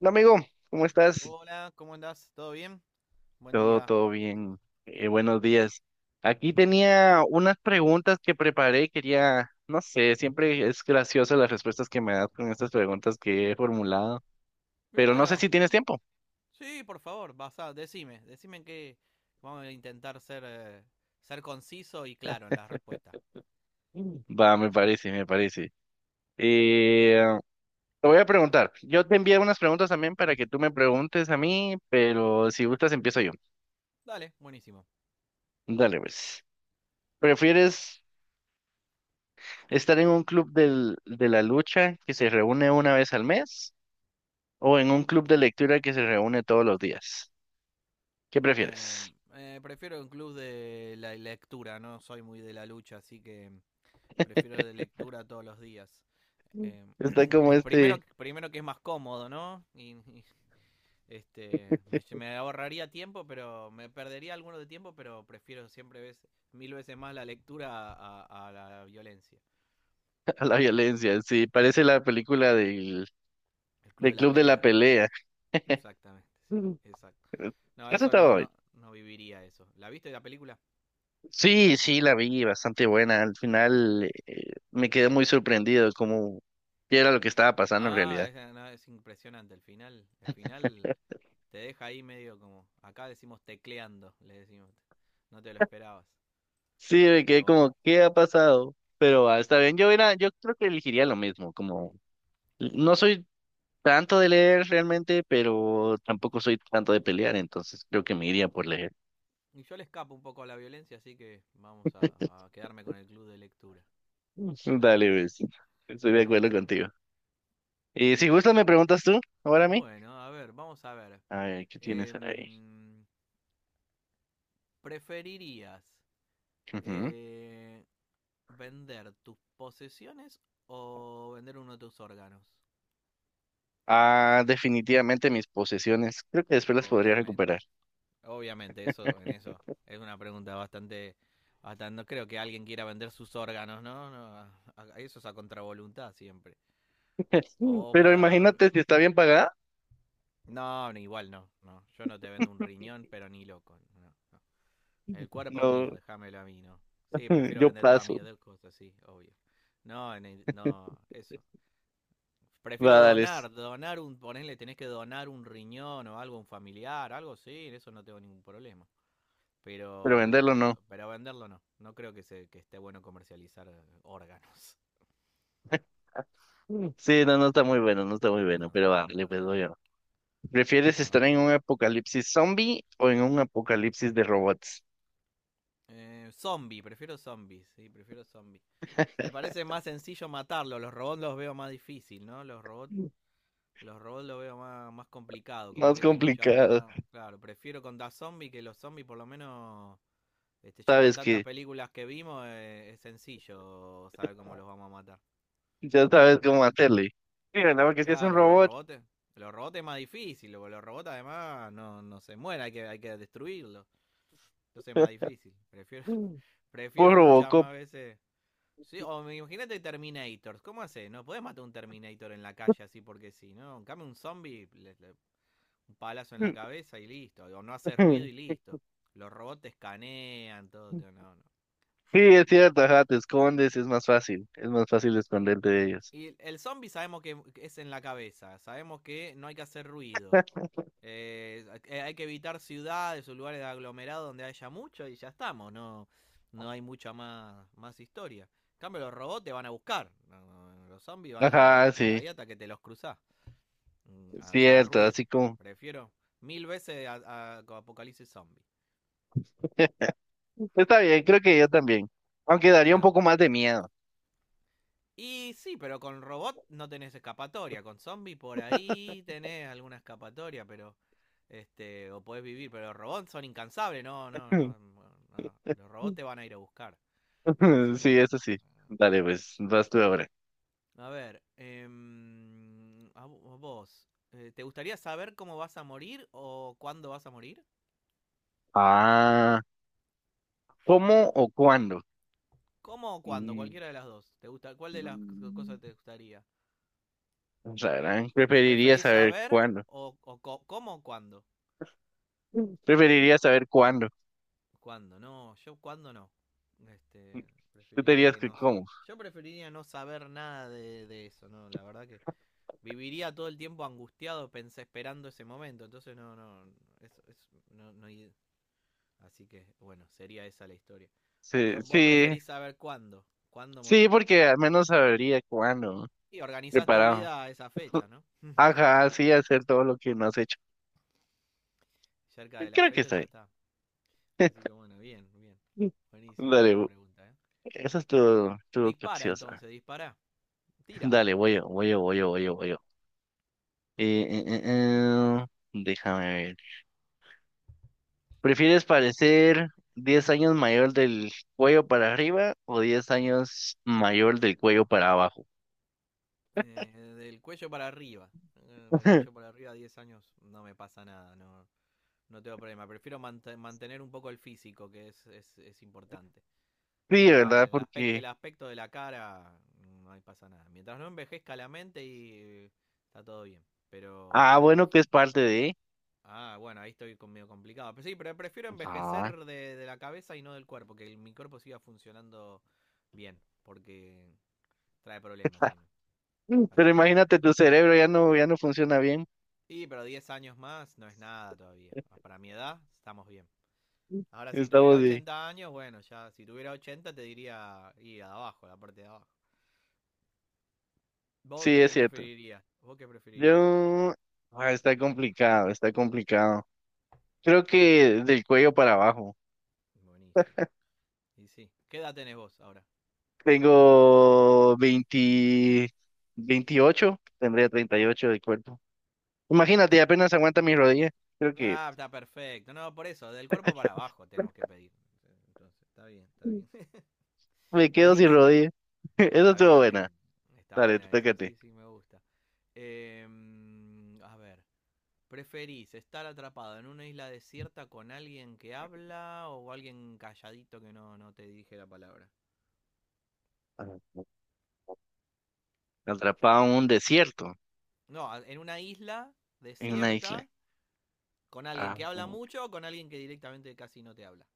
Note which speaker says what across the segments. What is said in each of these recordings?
Speaker 1: Hola amigo, ¿cómo estás?
Speaker 2: Hola, ¿cómo andás? ¿Todo bien? Buen
Speaker 1: Todo,
Speaker 2: día.
Speaker 1: todo bien. Buenos días. Aquí tenía unas preguntas que preparé. Quería, no sé, siempre es graciosa las respuestas que me das con estas preguntas que he formulado,
Speaker 2: Y
Speaker 1: pero no sé
Speaker 2: bueno,
Speaker 1: si tienes tiempo.
Speaker 2: sí, por favor, vas basá, decime que vamos a intentar ser conciso y claro en las respuestas.
Speaker 1: Mm. Va, me parece, me parece. Eh, Te voy a preguntar. Yo te envié unas preguntas también para que tú me preguntes a mí, pero si gustas empiezo yo.
Speaker 2: Dale, buenísimo.
Speaker 1: Dale, pues. ¿Prefieres estar en un club de la lucha que se reúne una vez al mes, o en un club de lectura que se reúne todos los días? ¿Qué
Speaker 2: Eh,
Speaker 1: prefieres?
Speaker 2: Prefiero un club de la lectura, no soy muy de la lucha, así que prefiero de lectura todos los días.
Speaker 1: Mm.
Speaker 2: Eh,
Speaker 1: Está como
Speaker 2: primero,
Speaker 1: este.
Speaker 2: primero que es más cómodo, ¿no? Y este, me ahorraría tiempo, pero me perdería alguno de tiempo, pero prefiero siempre mil veces más la lectura a la violencia.
Speaker 1: A la violencia, sí,
Speaker 2: Mm.
Speaker 1: parece la película del,
Speaker 2: El club
Speaker 1: del
Speaker 2: de la
Speaker 1: Club de la
Speaker 2: pelea,
Speaker 1: Pelea.
Speaker 2: exactamente, sí,
Speaker 1: Mm.
Speaker 2: exacto. No,
Speaker 1: Eso
Speaker 2: eso
Speaker 1: estaba
Speaker 2: no,
Speaker 1: bien.
Speaker 2: no, no viviría eso. ¿La viste la película?
Speaker 1: Sí, sí, la vi, bastante buena. Al final me quedé muy sorprendido como qué era lo que estaba pasando en
Speaker 2: Ah,
Speaker 1: realidad.
Speaker 2: es, no, es impresionante el final. El final te deja ahí medio como, acá decimos tecleando, le decimos. No te lo esperabas,
Speaker 1: Sí, me quedé
Speaker 2: pero bueno.
Speaker 1: como, ¿qué ha pasado? Pero está bien, yo creo que elegiría lo mismo, como no soy tanto de leer realmente, pero tampoco soy tanto de pelear, entonces creo que me iría por leer.
Speaker 2: Y yo le escapo un poco a la violencia, así que vamos a quedarme con el club de lectura.
Speaker 1: Dale, ves. Estoy de acuerdo
Speaker 2: Buenísimo.
Speaker 1: contigo. Y si
Speaker 2: Ok.
Speaker 1: gustas, me preguntas tú, ahora a mí.
Speaker 2: Bueno, a ver, vamos a ver.
Speaker 1: A ver, ¿qué tienes ahí?
Speaker 2: Em, ¿Preferirías
Speaker 1: Ujú.
Speaker 2: eh, vender tus posesiones o vender uno de tus órganos?
Speaker 1: Ah, definitivamente mis posesiones. Creo que después las podría
Speaker 2: Obviamente.
Speaker 1: recuperar.
Speaker 2: Obviamente, eso, en eso. Es una pregunta bastante, bastante. No creo que alguien quiera vender sus órganos, ¿no? No, eso es a contravoluntad siempre. O
Speaker 1: Pero
Speaker 2: para.
Speaker 1: imagínate si está bien pagada.
Speaker 2: No, no, igual no, no. Yo no te vendo un riñón, pero ni loco. No, no. El cuerpo
Speaker 1: No,
Speaker 2: mío, déjamelo a mí, ¿no? Sí, prefiero
Speaker 1: yo
Speaker 2: vender todas
Speaker 1: paso.
Speaker 2: mis cosas, sí, obvio. No, no, eso. Prefiero
Speaker 1: Va, dale.
Speaker 2: donar un, ponele, tenés que donar un riñón o algo un familiar, algo sí, en eso no tengo ningún problema.
Speaker 1: Pero venderlo
Speaker 2: Pero,
Speaker 1: no.
Speaker 2: pero venderlo no. No creo que que esté bueno comercializar órganos.
Speaker 1: Sí, no, no está muy bueno, no está muy bueno,
Speaker 2: No,
Speaker 1: pero va, le
Speaker 2: para
Speaker 1: pues voy
Speaker 2: nada.
Speaker 1: a- ¿Prefieres
Speaker 2: No.
Speaker 1: estar en un apocalipsis zombie o en un apocalipsis de robots?
Speaker 2: Zombie, prefiero zombies, sí, prefiero zombies. Me parece más sencillo matarlo, los robots los veo más difícil, ¿no? Los robots lo veo más complicado, como
Speaker 1: Más
Speaker 2: que hay que luchar
Speaker 1: complicado.
Speaker 2: más. Claro, prefiero contra zombies que los zombies, por lo menos, este, ya con
Speaker 1: Sabes
Speaker 2: tantas
Speaker 1: que
Speaker 2: películas que vimos, es sencillo saber cómo los vamos a matar.
Speaker 1: ya sabes cómo hacerle. Mira, nada más que si es un
Speaker 2: Claro, los
Speaker 1: robot,
Speaker 2: robots, los robots es más difícil, porque los robots además no se mueren, hay que destruirlos. Entonces es más difícil. Prefiero,
Speaker 1: por
Speaker 2: prefiero muchas
Speaker 1: Robocop.
Speaker 2: más veces. Sí, imagínate Terminators. ¿Cómo haces? No podés matar un Terminator en la calle así porque sí, ¿no? En cambio, un zombie un palazo en la cabeza y listo. O no hace ruido y listo. Los robots te escanean, todo. No, no.
Speaker 1: Sí, es cierto, ajá, te escondes, es más fácil esconderte de ellos.
Speaker 2: Y el zombie sabemos que es en la cabeza. Sabemos que no hay que hacer ruido. Hay que evitar ciudades o lugares de aglomerado donde haya mucho y ya estamos. No, no hay mucha más historia. En cambio, los robots te van a buscar. No, no. Los zombies van a
Speaker 1: Ajá,
Speaker 2: vagar por
Speaker 1: sí,
Speaker 2: ahí hasta que te los cruzás.
Speaker 1: es
Speaker 2: A que haga
Speaker 1: cierto, así
Speaker 2: ruido.
Speaker 1: como.
Speaker 2: Prefiero mil veces Apocalipsis Zombie.
Speaker 1: Está bien, creo que yo también. Aunque daría un
Speaker 2: Nada,
Speaker 1: poco más de miedo.
Speaker 2: y sí, pero con robot no tenés escapatoria. Con zombie por ahí tenés alguna escapatoria, pero. Este, o podés vivir, pero los robots son incansables, no, no, no, no. Los robots te van a ir a buscar. Así
Speaker 1: Sí,
Speaker 2: que.
Speaker 1: eso sí.
Speaker 2: Ah,
Speaker 1: Dale,
Speaker 2: sí.
Speaker 1: pues, vas tú ahora.
Speaker 2: A ver, a vos, ¿te gustaría saber cómo vas a morir o cuándo vas a morir?
Speaker 1: Ah. ¿Cómo o cuándo?
Speaker 2: ¿Cómo o cuándo?
Speaker 1: Mm,
Speaker 2: Cualquiera de las dos. ¿Te gusta? ¿Cuál de las
Speaker 1: mm,
Speaker 2: cosas te gustaría?
Speaker 1: rarán. Preferiría
Speaker 2: ¿Preferís
Speaker 1: saber
Speaker 2: saber
Speaker 1: cuándo.
Speaker 2: o cómo o cuándo?
Speaker 1: Preferiría saber cuándo.
Speaker 2: ¿Cuándo? No, yo cuándo no. Este,
Speaker 1: Tú te
Speaker 2: preferiría
Speaker 1: dirías
Speaker 2: que
Speaker 1: que
Speaker 2: no.
Speaker 1: cómo.
Speaker 2: Yo preferiría no saber nada de eso, ¿no? La verdad que viviría todo el tiempo angustiado, pensé, esperando ese momento. Entonces, no, no, eso, no, no. Así que, bueno, sería esa la historia.
Speaker 1: Sí,
Speaker 2: Yo, vos
Speaker 1: sí,
Speaker 2: preferís saber cuándo
Speaker 1: sí,
Speaker 2: morir.
Speaker 1: porque al menos sabría cuándo.
Speaker 2: Y organizás tu
Speaker 1: Preparado.
Speaker 2: vida a esa fecha, ¿no?
Speaker 1: Ajá, sí, hacer todo lo que no has hecho.
Speaker 2: Cerca de la
Speaker 1: Creo que
Speaker 2: fecha
Speaker 1: está
Speaker 2: ya está. Así que, bueno, bien, bien.
Speaker 1: bien.
Speaker 2: Buenísimo
Speaker 1: Dale,
Speaker 2: esa pregunta, ¿eh?
Speaker 1: esa es tu,
Speaker 2: Dispara
Speaker 1: capciosa.
Speaker 2: entonces, dispara. Tira.
Speaker 1: Dale, voy yo, voy yo, voy yo, voy yo, voy yo. Eh, eh, eh, eh, Déjame ver. ¿Prefieres parecer 10 años mayor del cuello para arriba o 10 años mayor del cuello para abajo?
Speaker 2: Eh, Del cuello para arriba. Del cuello para arriba, 10 años, no me pasa nada, no, no tengo problema. Prefiero mantener un poco el físico, que es importante.
Speaker 1: Sí,
Speaker 2: El, a-
Speaker 1: ¿verdad?
Speaker 2: el aspec- el
Speaker 1: Porque,
Speaker 2: aspecto de la cara, no me pasa nada. Mientras no envejezca la mente y está todo bien. Pero sí,
Speaker 1: bueno, que
Speaker 2: prefiero...
Speaker 1: es parte de.
Speaker 2: Ah, bueno, ahí estoy medio complicado. Pero sí, pero prefiero
Speaker 1: Ah.
Speaker 2: envejecer de la cabeza y no del cuerpo, que mi cuerpo siga funcionando bien, porque trae problemas, si no.
Speaker 1: Pero
Speaker 2: Así que no.
Speaker 1: imagínate, tu cerebro ya no funciona bien.
Speaker 2: Sí, pero 10 años más no es nada todavía. Ah, para mi edad estamos bien. Ahora, si tuviera
Speaker 1: Estamos de.
Speaker 2: 80 años, bueno, ya si tuviera 80 te diría ir a abajo, la parte de abajo. ¿Vos
Speaker 1: Sí, es
Speaker 2: qué
Speaker 1: cierto.
Speaker 2: preferirías? ¿Vos qué preferirías?
Speaker 1: Yo. Ah, está complicado, está complicado. Creo
Speaker 2: ¿Qué?
Speaker 1: que del cuello para abajo.
Speaker 2: Buenísimo. Y sí. ¿Qué edad tenés vos ahora? A mí.
Speaker 1: Tengo 28, tendría 38 de cuerpo. Imagínate,
Speaker 2: Claro.
Speaker 1: apenas aguanta mi rodilla. Creo que
Speaker 2: Ah, está perfecto. No, por eso, del cuerpo para abajo tenemos que pedir. Entonces, está bien, está
Speaker 1: Mm.
Speaker 2: bien.
Speaker 1: me quedo sin
Speaker 2: Buenísimo.
Speaker 1: rodilla. Eso
Speaker 2: Está
Speaker 1: estuvo buena.
Speaker 2: bien. Está
Speaker 1: Dale, te
Speaker 2: buena
Speaker 1: toca a
Speaker 2: esa,
Speaker 1: ti.
Speaker 2: sí, sí, me gusta. A ver. ¿Preferís estar atrapado en una isla desierta con alguien que habla o alguien calladito que no te dirige la palabra?
Speaker 1: Ah, atrapado en un desierto,
Speaker 2: No, en una isla
Speaker 1: en una isla.
Speaker 2: desierta con alguien
Speaker 1: Ah,
Speaker 2: que habla mucho o con alguien que directamente casi no te habla.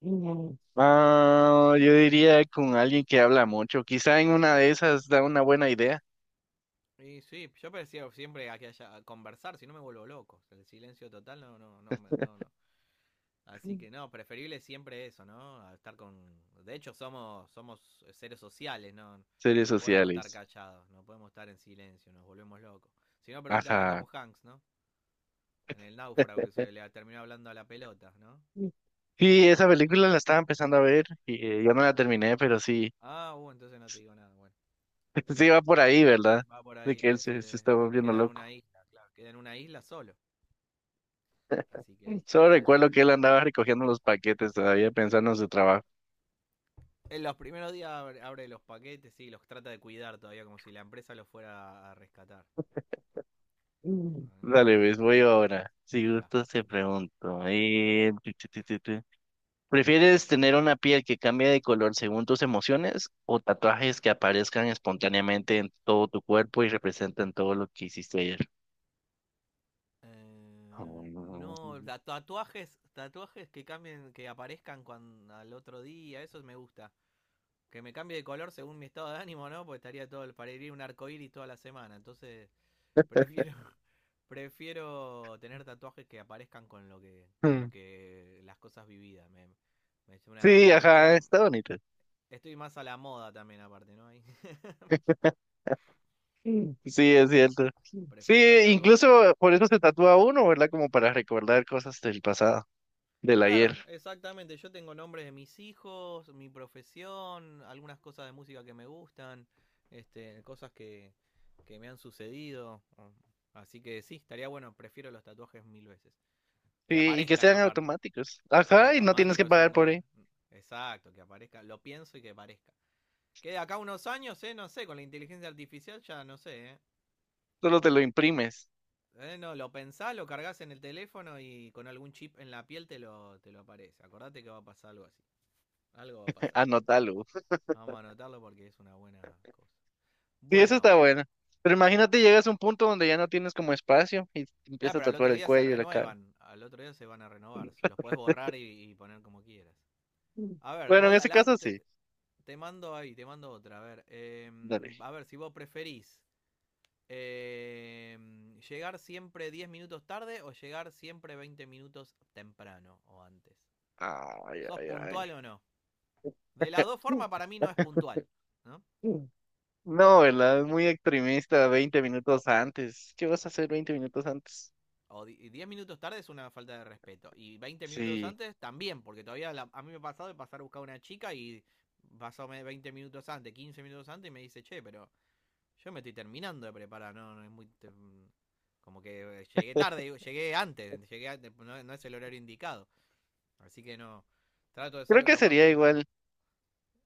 Speaker 1: mm. Ah, yo diría con alguien que habla mucho. Quizá en una de esas da una buena idea.
Speaker 2: Y sí, yo prefiero siempre a que haya a conversar, si no me vuelvo loco. El silencio total no, no, no, no, no. Así que no, preferible siempre eso, ¿no? A estar con... De hecho, somos seres sociales, ¿no? No
Speaker 1: Series
Speaker 2: no podemos estar
Speaker 1: sociales.
Speaker 2: callados, no podemos estar en silencio, nos volvemos locos. Si no, preguntale a Tom
Speaker 1: Ajá.
Speaker 2: Hanks, ¿no? En el náufrago que se le terminó hablando a la pelota, ¿no?
Speaker 1: Sí, esa película la estaba empezando a ver y yo no la terminé, pero sí,
Speaker 2: Ah, entonces no te digo nada. Bueno,
Speaker 1: sí va por ahí, ¿verdad?
Speaker 2: va por
Speaker 1: De
Speaker 2: ahí,
Speaker 1: que él se
Speaker 2: parece.
Speaker 1: está volviendo
Speaker 2: Queda en una
Speaker 1: loco.
Speaker 2: isla, claro. Queda en una isla solo. Así que ahí,
Speaker 1: Solo
Speaker 2: ahí está.
Speaker 1: recuerdo
Speaker 2: En
Speaker 1: que él andaba recogiendo los paquetes todavía pensando en su trabajo.
Speaker 2: los primeros días abre los paquetes y los trata de cuidar todavía como si la empresa los fuera a rescatar.
Speaker 1: Mm. Dale,
Speaker 2: No, es
Speaker 1: ves, voy
Speaker 2: terrible.
Speaker 1: ahora. Si
Speaker 2: Diga.
Speaker 1: gustas, te pregunto. Tu. ¿Prefieres tener una piel que cambie de color según tus emociones o tatuajes que aparezcan espontáneamente en todo tu cuerpo y representan todo lo que hiciste ayer?
Speaker 2: Eh, no,
Speaker 1: Mm.
Speaker 2: tatuajes que cambien, que aparezcan cuando, al otro día, eso me gusta. Que me cambie de color según mi estado de ánimo, ¿no? Porque estaría todo, parecería un arcoíris toda la semana. Entonces, prefiero, prefiero tener tatuajes que aparezcan con lo que, con lo
Speaker 1: Mm.
Speaker 2: que, las cosas vividas.
Speaker 1: Sí,
Speaker 2: Me
Speaker 1: ajá,
Speaker 2: queda,
Speaker 1: está bonito.
Speaker 2: estoy más a la moda también aparte, ¿no? Ahí,
Speaker 1: Mm. Sí, es cierto. Mm. Sí,
Speaker 2: prefiero los tatuajes.
Speaker 1: incluso por eso se tatúa uno, ¿verdad? Como para recordar cosas del pasado, del ayer.
Speaker 2: Claro, exactamente. Yo tengo nombres de mis hijos, mi profesión, algunas cosas de música que me gustan, este, cosas que me han sucedido. Así que sí, estaría bueno. Prefiero los tatuajes mil veces. Que
Speaker 1: Y que
Speaker 2: aparezcan
Speaker 1: sean
Speaker 2: aparte.
Speaker 1: automáticos. Ajá, y no tienes
Speaker 2: Automático
Speaker 1: que
Speaker 2: es
Speaker 1: pagar
Speaker 2: un
Speaker 1: por
Speaker 2: gol.
Speaker 1: él.
Speaker 2: Exacto, que aparezca. Lo pienso y que aparezca. Que de acá a unos años, no sé, con la inteligencia artificial ya no sé, eh.
Speaker 1: Solo te lo imprimes.
Speaker 2: Eh, No, lo pensás, lo cargas en el teléfono y con algún chip en la piel te lo aparece. Acordate que va a pasar algo así. Algo va a pasar.
Speaker 1: Anótalo.
Speaker 2: Vamos a anotarlo porque es una buena cosa.
Speaker 1: Sí, eso
Speaker 2: Bueno.
Speaker 1: está bueno. Pero
Speaker 2: eh,
Speaker 1: imagínate, llegas a un punto donde ya no tienes como espacio y te
Speaker 2: Ah,
Speaker 1: empieza a
Speaker 2: pero al
Speaker 1: tatuar
Speaker 2: otro
Speaker 1: el
Speaker 2: día se
Speaker 1: cuello y la cara.
Speaker 2: renuevan. Al otro día se van a renovar. Los podés borrar y poner como quieras.
Speaker 1: Mm.
Speaker 2: A ver,
Speaker 1: Bueno, en
Speaker 2: voy
Speaker 1: ese caso
Speaker 2: adelante.
Speaker 1: sí.
Speaker 2: Te mando otra.
Speaker 1: Dale.
Speaker 2: A ver si vos preferís eh, llegar siempre 10 minutos tarde o llegar siempre 20 minutos temprano o antes.
Speaker 1: Ay,
Speaker 2: ¿Sos
Speaker 1: ay, ay.
Speaker 2: puntual o no? De las dos
Speaker 1: Mm,
Speaker 2: formas para mí no es puntual, ¿no?
Speaker 1: mm. No, ¿verdad? Es muy extremista, 20 minutos antes. ¿Qué vas a hacer 20 minutos antes?
Speaker 2: O 10 minutos tarde es una falta de respeto. Y 20 minutos
Speaker 1: Sí.
Speaker 2: antes también, porque todavía a mí me ha pasado de pasar a buscar a una chica y pasó 20 minutos antes, 15 minutos antes y me dice, che, pero yo me estoy terminando de preparar, no, no es muy... como que llegué tarde, llegué antes, no, no es el horario indicado. Así que no, trato de ser
Speaker 1: Creo que
Speaker 2: lo más
Speaker 1: sería
Speaker 2: puntual.
Speaker 1: igual.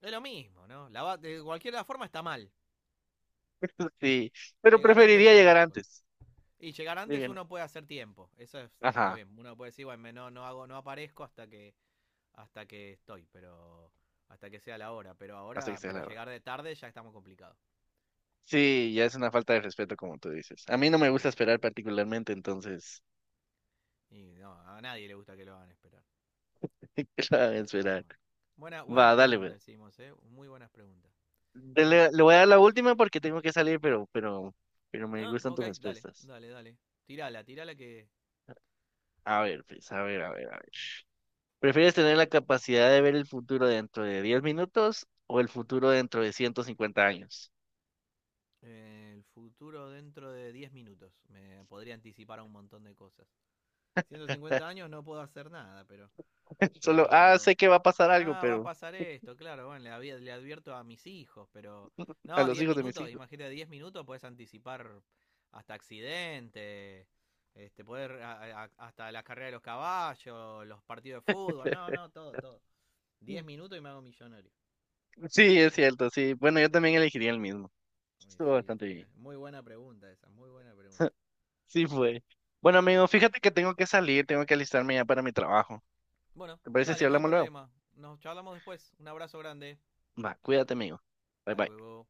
Speaker 2: Es lo mismo, ¿no? La de cualquier forma está mal.
Speaker 1: Sí. Pero
Speaker 2: Llegar antes o
Speaker 1: preferiría
Speaker 2: llegar
Speaker 1: llegar
Speaker 2: después.
Speaker 1: antes.
Speaker 2: Y llegar antes
Speaker 1: Digan,
Speaker 2: uno puede hacer tiempo. Está
Speaker 1: ajá,
Speaker 2: bien. Uno puede decir, bueno, no, no hago, no aparezco hasta que estoy, pero hasta que sea la hora, pero
Speaker 1: hasta que
Speaker 2: ahora,
Speaker 1: sea
Speaker 2: pero
Speaker 1: la hora.
Speaker 2: llegar de tarde ya está muy complicado.
Speaker 1: Sí, ya es una falta de respeto, como tú dices. A mí no me gusta
Speaker 2: Claro.
Speaker 1: esperar particularmente, entonces,
Speaker 2: Y no, a nadie le gusta que lo hagan esperar.
Speaker 1: ¿qué la voy a
Speaker 2: Ahí está,
Speaker 1: esperar?
Speaker 2: bueno. Buenas
Speaker 1: Va, dale, pues.
Speaker 2: preguntas hicimos, muy buenas preguntas. Mm.
Speaker 1: Le voy a dar la última porque tengo que salir, pero me
Speaker 2: Ah,
Speaker 1: gustan
Speaker 2: ok,
Speaker 1: tus
Speaker 2: dale,
Speaker 1: respuestas.
Speaker 2: dale, dale. Tirala, tirala que
Speaker 1: A ver, pues, a ver, a ver, a ver. ¿Prefieres tener la capacidad de ver el futuro dentro de 10 minutos o el futuro dentro de 150 años?
Speaker 2: el futuro dentro de 10 minutos me podría anticipar a un montón de cosas. 150 años no puedo hacer nada, pero
Speaker 1: Solo,
Speaker 2: Pero.
Speaker 1: sé que va a pasar algo,
Speaker 2: Ah, va a
Speaker 1: pero
Speaker 2: pasar esto, claro. Bueno, le advierto a mis hijos, pero.
Speaker 1: a
Speaker 2: No,
Speaker 1: los
Speaker 2: 10
Speaker 1: hijos de mis
Speaker 2: minutos,
Speaker 1: hijos.
Speaker 2: imagínate, 10 minutos puedes anticipar hasta accidentes, este, hasta la carrera de los caballos, los partidos de fútbol, no, no, todo, todo. 10 minutos y me hago millonario.
Speaker 1: Sí, es cierto, sí. Bueno, yo también elegiría el mismo.
Speaker 2: Uy,
Speaker 1: Estuvo
Speaker 2: sí,
Speaker 1: bastante
Speaker 2: estaría.
Speaker 1: bien.
Speaker 2: Muy buena pregunta esa, muy buena pregunta.
Speaker 1: Sí
Speaker 2: Mm.
Speaker 1: fue. Bueno,
Speaker 2: Sí.
Speaker 1: amigo, fíjate que tengo que salir, tengo que alistarme ya para mi trabajo.
Speaker 2: Bueno,
Speaker 1: ¿Te parece si
Speaker 2: dale, no hay
Speaker 1: hablamos luego?
Speaker 2: problema. Nos charlamos después. Un abrazo grande.
Speaker 1: Va, cuídate, amigo. Bye
Speaker 2: Hasta
Speaker 1: bye.
Speaker 2: luego.